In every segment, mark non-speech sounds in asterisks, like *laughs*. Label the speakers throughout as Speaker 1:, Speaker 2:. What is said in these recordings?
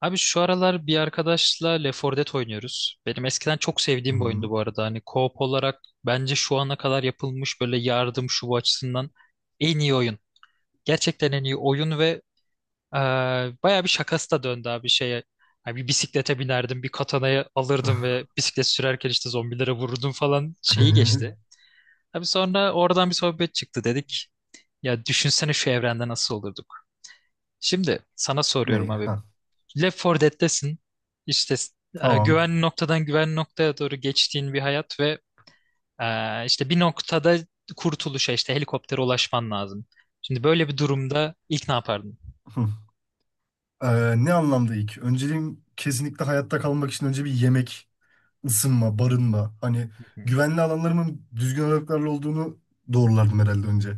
Speaker 1: Abi şu aralar bir arkadaşla Left 4 Dead oynuyoruz. Benim eskiden çok sevdiğim bir
Speaker 2: Hmm.
Speaker 1: oyundu bu arada. Hani co-op olarak bence şu ana kadar yapılmış böyle yardım şu bu açısından en iyi oyun. Gerçekten en iyi oyun ve e, bayağı bir şakası da döndü abi şeye. Hani bir bisiklete binerdim, bir katanayı alırdım ve bisiklet sürerken işte zombilere vururdum falan şeyi geçti.
Speaker 2: *laughs*
Speaker 1: Abi sonra oradan bir sohbet çıktı dedik. Ya düşünsene şu evrende nasıl olurduk. Şimdi sana soruyorum
Speaker 2: Ney?
Speaker 1: abi.
Speaker 2: Ha.
Speaker 1: Left 4 Dead'desin. İşte
Speaker 2: Tamam.
Speaker 1: güvenli noktadan güvenli noktaya doğru geçtiğin bir hayat ve işte bir noktada kurtuluşa işte helikoptere ulaşman lazım. Şimdi böyle bir durumda ilk ne yapardın?
Speaker 2: Hı. Ne anlamda ilk? Önceliğim kesinlikle hayatta kalmak için önce bir yemek, ısınma, barınma. Hani
Speaker 1: Hı.
Speaker 2: güvenli alanlarımın düzgün aralıklarla olduğunu doğrulardım herhalde önce.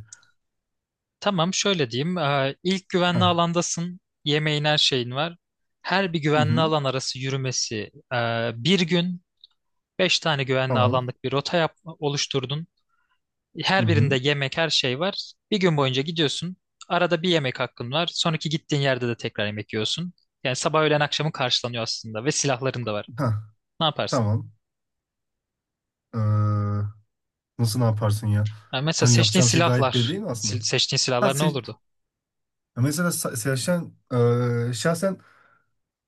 Speaker 1: Tamam şöyle diyeyim. İlk güvenli
Speaker 2: Ha.
Speaker 1: alandasın. Yemeğin her şeyin var. Her bir
Speaker 2: Hı
Speaker 1: güvenli
Speaker 2: hı.
Speaker 1: alan arası yürümesi bir gün. Beş tane güvenli
Speaker 2: Tamam.
Speaker 1: alanlık bir rota yap, oluşturdun.
Speaker 2: Hı
Speaker 1: Her birinde
Speaker 2: hı.
Speaker 1: yemek, her şey var. Bir gün boyunca gidiyorsun. Arada bir yemek hakkın var. Sonraki gittiğin yerde de tekrar yemek yiyorsun. Yani sabah, öğlen, akşamı karşılanıyor aslında ve silahların da var.
Speaker 2: Ha.
Speaker 1: Ne yaparsın?
Speaker 2: Tamam. Ee, nasıl ne yaparsın ya?
Speaker 1: Yani mesela
Speaker 2: Hani
Speaker 1: seçtiğin
Speaker 2: yapacağım şey gayet belli
Speaker 1: silahlar.
Speaker 2: değil mi aslında?
Speaker 1: Seçtiğin
Speaker 2: Ha,
Speaker 1: silahlar ne olurdu?
Speaker 2: mesela şahsen,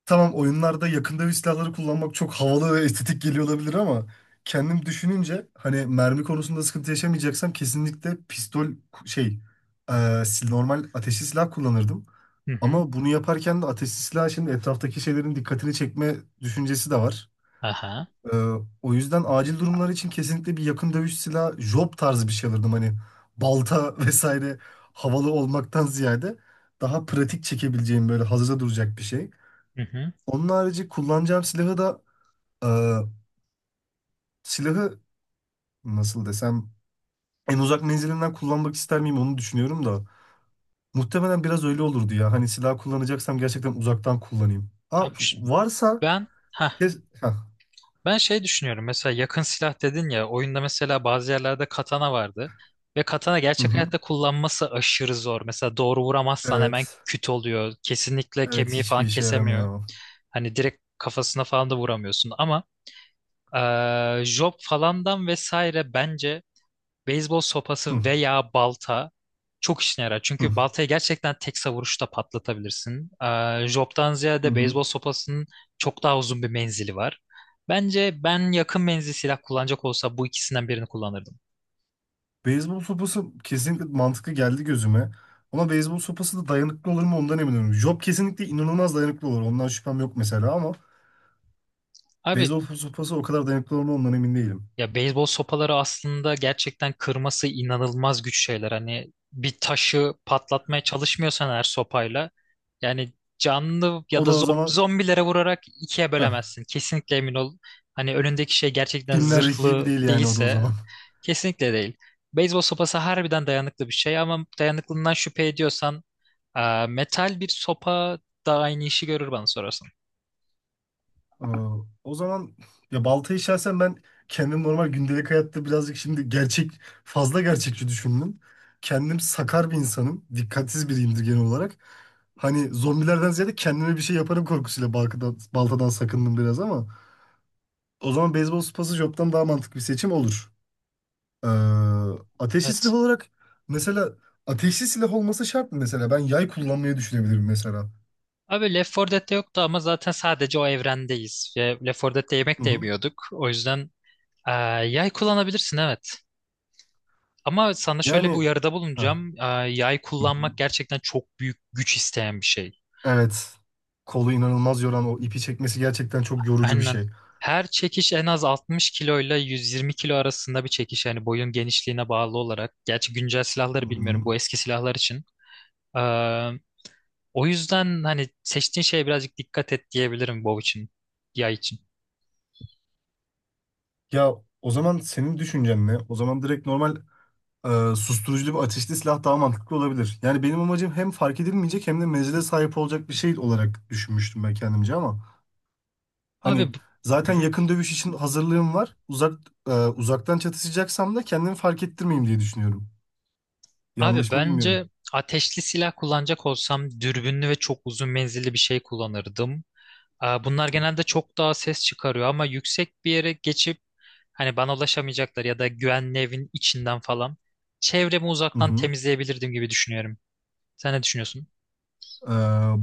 Speaker 2: tamam, oyunlarda yakındövüş silahları kullanmak çok havalı ve estetik geliyor olabilir ama kendim düşününce hani mermi konusunda sıkıntı yaşamayacaksam kesinlikle pistol şey, e, normal ateşli silah kullanırdım.
Speaker 1: Hı hı.
Speaker 2: Ama bunu yaparken de ateşli silah şimdi etraftaki şeylerin dikkatini çekme düşüncesi de var.
Speaker 1: Aha.
Speaker 2: E, o yüzden acil durumlar için kesinlikle bir yakın dövüş silahı job tarzı bir şey alırdım. Hani balta *laughs* vesaire havalı olmaktan ziyade daha pratik çekebileceğim böyle hazırda duracak bir şey.
Speaker 1: Hı hı.
Speaker 2: Onun harici kullanacağım silahı da, e, silahı nasıl desem, en uzak menzilinden kullanmak ister miyim onu düşünüyorum da muhtemelen biraz öyle olurdu ya. Hani silah kullanacaksam gerçekten uzaktan kullanayım. Ha,
Speaker 1: Abi,
Speaker 2: varsa
Speaker 1: ben ha
Speaker 2: Hah,
Speaker 1: ben şey düşünüyorum. Mesela yakın silah dedin ya oyunda mesela bazı yerlerde katana vardı. Ve katana
Speaker 2: hı
Speaker 1: gerçek
Speaker 2: hı.
Speaker 1: hayatta kullanması aşırı zor. Mesela doğru vuramazsan hemen
Speaker 2: Evet.
Speaker 1: küt oluyor. Kesinlikle
Speaker 2: Evet,
Speaker 1: kemiği falan
Speaker 2: hiçbir işe
Speaker 1: kesemiyor.
Speaker 2: yaramıyor.
Speaker 1: Hani direkt kafasına falan da vuramıyorsun ama job falandan vesaire bence beyzbol
Speaker 2: Hı,
Speaker 1: sopası veya balta çok işine yarar.
Speaker 2: hı,
Speaker 1: Çünkü baltayı gerçekten tek savuruşta patlatabilirsin. Job'tan
Speaker 2: hı
Speaker 1: ziyade
Speaker 2: hı.
Speaker 1: beyzbol sopasının çok daha uzun bir menzili var. Bence ben yakın menzil silah kullanacak olsa bu ikisinden birini kullanırdım.
Speaker 2: Beyzbol sopası kesinlikle mantıklı geldi gözüme. Ama beyzbol sopası da dayanıklı olur mu ondan emin değilim. Job kesinlikle inanılmaz dayanıklı olur. Ondan şüphem yok mesela ama
Speaker 1: Abi,
Speaker 2: beyzbol sopası o kadar dayanıklı olur mu ondan emin değilim.
Speaker 1: ya beyzbol sopaları aslında gerçekten kırması inanılmaz güç şeyler. Hani bir taşı patlatmaya çalışmıyorsan eğer sopayla yani canlı ya
Speaker 2: O
Speaker 1: da
Speaker 2: da o zaman,
Speaker 1: zombilere vurarak ikiye
Speaker 2: heh,
Speaker 1: bölemezsin. Kesinlikle emin ol. Hani önündeki şey gerçekten
Speaker 2: filmlerdeki gibi
Speaker 1: zırhlı
Speaker 2: değil yani o da o
Speaker 1: değilse
Speaker 2: zaman.
Speaker 1: kesinlikle değil. Beyzbol sopası harbiden dayanıklı bir şey ama dayanıklılığından şüphe ediyorsan metal bir sopa da aynı işi görür bana sorarsan.
Speaker 2: Ee, o zaman ya baltayı şahsen ben kendim normal gündelik hayatta birazcık şimdi fazla gerçekçi düşündüm. Kendim sakar bir insanım. Dikkatsiz biriyimdir genel olarak. Hani zombilerden ziyade kendime bir şey yaparım korkusuyla baltadan sakındım biraz ama o zaman beyzbol sopası joptan daha mantıklı bir seçim olur. Ee, ateşli silah
Speaker 1: Evet.
Speaker 2: olarak mesela ateşli silah olması şart mı mesela? Ben yay kullanmayı düşünebilirim mesela.
Speaker 1: Abi Left 4 Dead'de yoktu ama zaten sadece o evrendeyiz. Ve Left 4 Dead'de yemek
Speaker 2: Hı
Speaker 1: de
Speaker 2: hı.
Speaker 1: yemiyorduk. O yüzden e, yay kullanabilirsin, evet. Ama sana şöyle bir
Speaker 2: Yani,
Speaker 1: uyarıda
Speaker 2: hah,
Speaker 1: bulunacağım. Yay
Speaker 2: hı hı,
Speaker 1: kullanmak gerçekten çok büyük güç isteyen bir şey.
Speaker 2: evet, kolu inanılmaz yoran o ipi çekmesi gerçekten çok yorucu bir
Speaker 1: Aynen.
Speaker 2: şey.
Speaker 1: Her çekiş en az 60 kilo ile 120 kilo arasında bir çekiş. Yani boyun genişliğine bağlı olarak. Gerçi güncel
Speaker 2: Hı
Speaker 1: silahları bilmiyorum.
Speaker 2: hı.
Speaker 1: Bu eski silahlar için. E, O yüzden hani seçtiğin şeye birazcık dikkat et diyebilirim bow için. Yay için.
Speaker 2: Ya o zaman senin düşüncen ne? O zaman direkt normal, e, susturuculu bir ateşli silah daha mantıklı olabilir. Yani benim amacım hem fark edilmeyecek hem de menzile sahip olacak bir şey olarak düşünmüştüm ben kendimce ama hani
Speaker 1: Abi bu...
Speaker 2: zaten yakın dövüş için hazırlığım var. Uzaktan çatışacaksam da kendimi fark ettirmeyeyim diye düşünüyorum.
Speaker 1: Abi
Speaker 2: Yanlış mı bilmiyorum.
Speaker 1: bence ateşli silah kullanacak olsam dürbünlü ve çok uzun menzilli bir şey kullanırdım. Aa, bunlar genelde çok daha ses çıkarıyor ama yüksek bir yere geçip hani bana ulaşamayacaklar ya da güvenli evin içinden falan çevremi
Speaker 2: Hı
Speaker 1: uzaktan
Speaker 2: hı.
Speaker 1: temizleyebilirdim gibi düşünüyorum. Sen ne düşünüyorsun?
Speaker 2: E,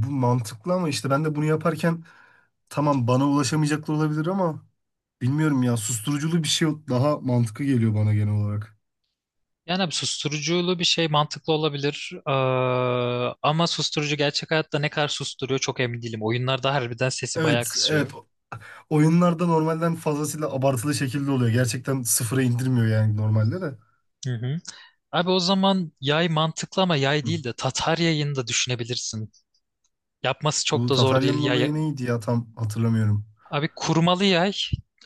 Speaker 2: bu mantıklı ama işte ben de bunu yaparken, tamam, bana ulaşamayacaklar olabilir ama bilmiyorum ya, susturuculu bir şey daha mantıklı geliyor bana genel olarak.
Speaker 1: Yani abi susturuculu bir şey mantıklı olabilir. Aa, ama susturucu gerçek hayatta ne kadar susturuyor çok emin değilim. Oyunlarda harbiden sesi bayağı
Speaker 2: Evet, evet.
Speaker 1: kısıyor.
Speaker 2: Oyunlarda normalden fazlasıyla abartılı şekilde oluyor. Gerçekten sıfıra indirmiyor yani normalde de.
Speaker 1: Hı hı. Abi o zaman yay mantıklı ama yay
Speaker 2: Hı.
Speaker 1: değil de Tatar yayını da düşünebilirsin. Yapması çok
Speaker 2: Bu
Speaker 1: da zor değil
Speaker 2: Tatarya'nın
Speaker 1: yay.
Speaker 2: olayı neydi ya tam hatırlamıyorum.
Speaker 1: Abi kurmalı yay.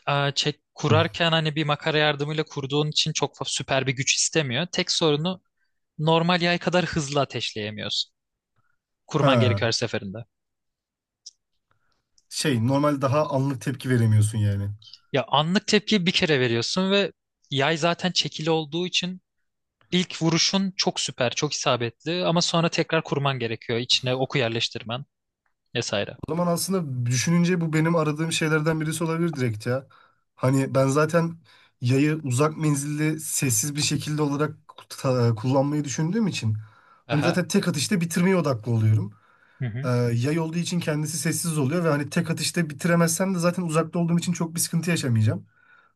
Speaker 1: Aa, çek,
Speaker 2: Hı.
Speaker 1: kurarken hani bir makara yardımıyla kurduğun için çok süper bir güç istemiyor. Tek sorunu normal yay kadar hızlı ateşleyemiyorsun. Kurman
Speaker 2: Ha,
Speaker 1: gerekiyor her seferinde.
Speaker 2: şey, normal daha anlık tepki veremiyorsun yani.
Speaker 1: Ya anlık tepkiyi bir kere veriyorsun ve yay zaten çekili olduğu için ilk vuruşun çok süper, çok isabetli ama sonra tekrar kurman gerekiyor. İçine oku yerleştirmen vesaire.
Speaker 2: O zaman aslında düşününce bu benim aradığım şeylerden birisi olabilir direkt ya. Hani ben zaten yayı uzak menzilli sessiz bir şekilde olarak kullanmayı düşündüğüm için hani
Speaker 1: Aha.
Speaker 2: zaten tek atışta bitirmeye odaklı oluyorum.
Speaker 1: Hı hı.
Speaker 2: Yay olduğu için kendisi sessiz oluyor ve hani tek atışta bitiremezsem de zaten uzakta olduğum için çok bir sıkıntı yaşamayacağım.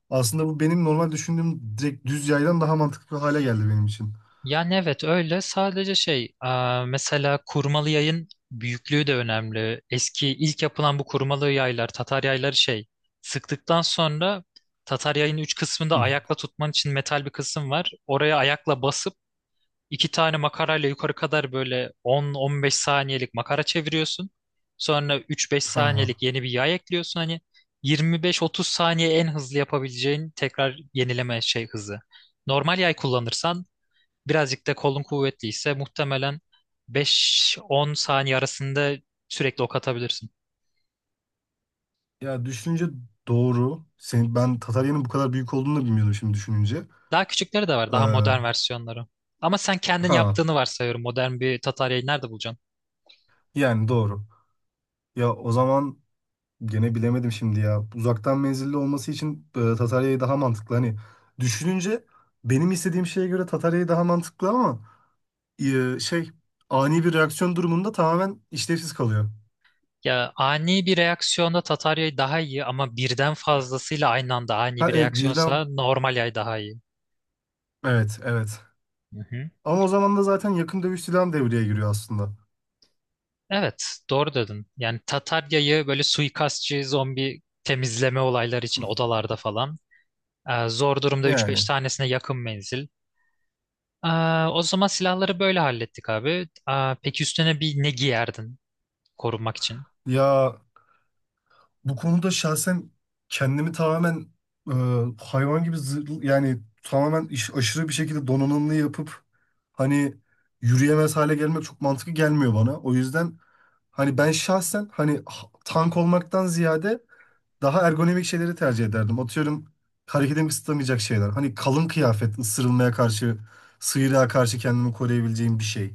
Speaker 2: Aslında bu benim normal düşündüğüm direkt düz yaydan daha mantıklı hale geldi benim için.
Speaker 1: Yani evet öyle sadece şey mesela kurmalı yayın büyüklüğü de önemli. Eski ilk yapılan bu kurmalı yaylar Tatar yayları şey sıktıktan sonra Tatar yayın üç kısmında
Speaker 2: Hı.
Speaker 1: ayakla tutman için metal bir kısım var. Oraya ayakla basıp iki tane makarayla yukarı kadar böyle 10-15 saniyelik makara çeviriyorsun. Sonra 3-5
Speaker 2: Ha.
Speaker 1: saniyelik yeni bir yay ekliyorsun. Hani 25-30 saniye en hızlı yapabileceğin tekrar yenileme şey hızı. Normal yay kullanırsan birazcık da kolun kuvvetliyse muhtemelen 5-10 saniye arasında sürekli ok atabilirsin.
Speaker 2: Ya düşününce doğru. Ben Tatarya'nın bu kadar büyük olduğunu da bilmiyordum şimdi düşününce.
Speaker 1: Daha küçükleri de var, daha
Speaker 2: Ee,
Speaker 1: modern versiyonları. Ama sen kendin
Speaker 2: ha
Speaker 1: yaptığını varsayıyorum. Modern bir tataryayı nerede bulacaksın?
Speaker 2: yani doğru. Ya o zaman gene bilemedim şimdi ya. Uzaktan menzilli olması için, Tatarya'yı daha mantıklı. Hani düşününce benim istediğim şeye göre Tatarya'yı daha mantıklı ama şey, ani bir reaksiyon durumunda tamamen işlevsiz kalıyor.
Speaker 1: Ya ani bir reaksiyonda Tatar yay daha iyi ama birden fazlasıyla aynı anda ani
Speaker 2: Ha,
Speaker 1: bir
Speaker 2: evet,
Speaker 1: reaksiyonsa normal yay daha iyi.
Speaker 2: evet, evet.
Speaker 1: Hı hı.
Speaker 2: Ama o zaman da zaten yakın dövüş silahım devreye giriyor aslında.
Speaker 1: Evet, doğru dedin. Yani Tatar yayı böyle suikastçı zombi temizleme olayları için
Speaker 2: *laughs*
Speaker 1: odalarda falan. Zor durumda üç beş
Speaker 2: Yani.
Speaker 1: tanesine yakın menzil. Ee, O zaman silahları böyle hallettik abi. Peki üstüne bir ne giyerdin korunmak için?
Speaker 2: Ya bu konuda şahsen kendimi tamamen, e, hayvan gibi yani tamamen, aşırı bir şekilde donanımlı yapıp hani yürüyemez hale gelmek çok mantıklı gelmiyor bana. O yüzden hani ben şahsen hani tank olmaktan ziyade daha ergonomik şeyleri tercih ederdim. Atıyorum, hareketimi kısıtlamayacak şeyler. Hani kalın kıyafet ısırılmaya karşı, sıyrığa karşı kendimi koruyabileceğim bir şey.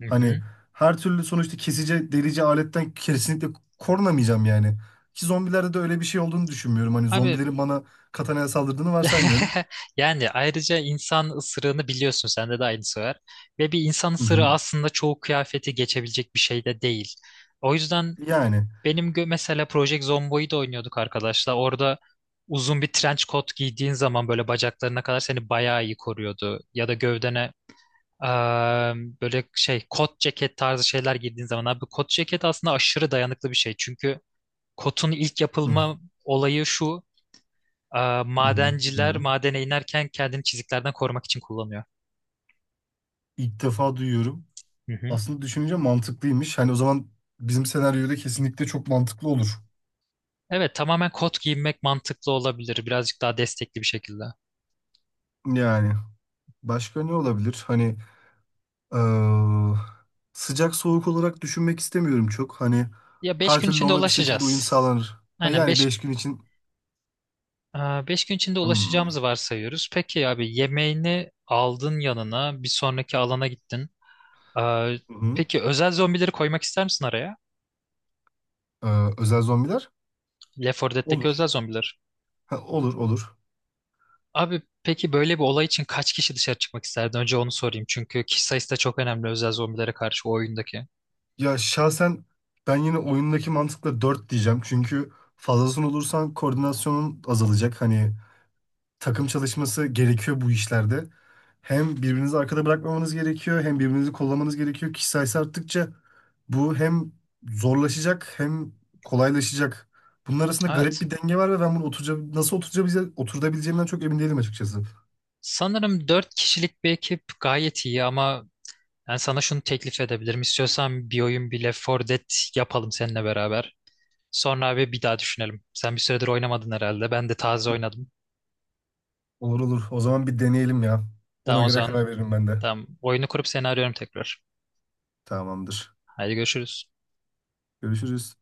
Speaker 1: Hı hı.
Speaker 2: Hani her türlü sonuçta kesici, delici aletten kesinlikle korunamayacağım yani. Ki zombilerde de öyle bir şey olduğunu düşünmüyorum. Hani
Speaker 1: Abi.
Speaker 2: zombilerin bana katanaya saldırdığını varsaymıyorum.
Speaker 1: *laughs* Yani ayrıca insan ısırığını biliyorsun sende de aynısı var. Ve bir insan
Speaker 2: Hı
Speaker 1: ısırığı
Speaker 2: hı.
Speaker 1: aslında çoğu kıyafeti geçebilecek bir şey de değil. O yüzden
Speaker 2: Yani.
Speaker 1: benim mesela Project Zombo'yu da oynuyorduk arkadaşlar. Orada uzun bir trench coat giydiğin zaman böyle bacaklarına kadar seni bayağı iyi koruyordu. Ya da gövdene eee, böyle şey kot ceket tarzı şeyler giydiğin zaman abi kot ceket aslında aşırı dayanıklı bir şey. Çünkü kotun ilk
Speaker 2: Hı
Speaker 1: yapılma olayı şu. Aa,
Speaker 2: hı, hı.
Speaker 1: madenciler
Speaker 2: Dinliyorum.
Speaker 1: madene inerken kendini çiziklerden korumak için kullanıyor.
Speaker 2: İlk defa duyuyorum.
Speaker 1: Hı hı.
Speaker 2: Aslında düşününce mantıklıymış. Hani o zaman bizim senaryoda kesinlikle çok mantıklı olur.
Speaker 1: Evet, tamamen kot giyinmek mantıklı olabilir. Birazcık daha destekli bir şekilde.
Speaker 2: Yani. Başka ne olabilir? Hani, eee, sıcak soğuk olarak düşünmek istemiyorum çok. Hani
Speaker 1: Ya 5
Speaker 2: her
Speaker 1: gün
Speaker 2: türlü
Speaker 1: içinde
Speaker 2: ona bir şekilde uyum
Speaker 1: ulaşacağız.
Speaker 2: sağlanır. Ha,
Speaker 1: Aynen
Speaker 2: yani,
Speaker 1: beş
Speaker 2: 5 gün için.
Speaker 1: beş gün içinde
Speaker 2: Hmm.
Speaker 1: ulaşacağımızı varsayıyoruz. Peki abi yemeğini aldın yanına bir sonraki alana gittin. Aa,
Speaker 2: Hı hı.
Speaker 1: peki özel zombileri koymak ister misin araya?
Speaker 2: Özel zombiler?
Speaker 1: Left 4 Dead'deki özel
Speaker 2: Olur.
Speaker 1: zombiler.
Speaker 2: Ha, olur, olur.
Speaker 1: Abi peki böyle bir olay için kaç kişi dışarı çıkmak isterdi? Önce onu sorayım çünkü kişi sayısı da çok önemli özel zombilere karşı o oyundaki.
Speaker 2: Ya şahsen ben yine oyundaki mantıkla 4 diyeceğim. Çünkü fazlasını olursan koordinasyonun azalacak. Hani takım çalışması gerekiyor bu işlerde. Hem birbirinizi arkada bırakmamanız gerekiyor, hem birbirinizi kollamanız gerekiyor. Kişi sayısı arttıkça bu hem zorlaşacak hem kolaylaşacak. Bunun arasında garip
Speaker 1: Evet.
Speaker 2: bir denge var ve ben bunu nasıl oturabileceğim, oturabileceğimden çok emin değilim açıkçası.
Speaker 1: Sanırım dört kişilik bir ekip gayet iyi ama ben sana şunu teklif edebilirim. İstiyorsan bir oyun bile Left 4 Dead yapalım seninle beraber. Sonra abi bir daha düşünelim. Sen bir süredir oynamadın herhalde. Ben de taze oynadım.
Speaker 2: Olur, olur. O zaman bir deneyelim ya. Ona
Speaker 1: Tamam o
Speaker 2: göre
Speaker 1: zaman
Speaker 2: karar veririm ben de.
Speaker 1: tamam. Oyunu kurup seni arıyorum tekrar.
Speaker 2: Tamamdır.
Speaker 1: Haydi görüşürüz.
Speaker 2: Görüşürüz.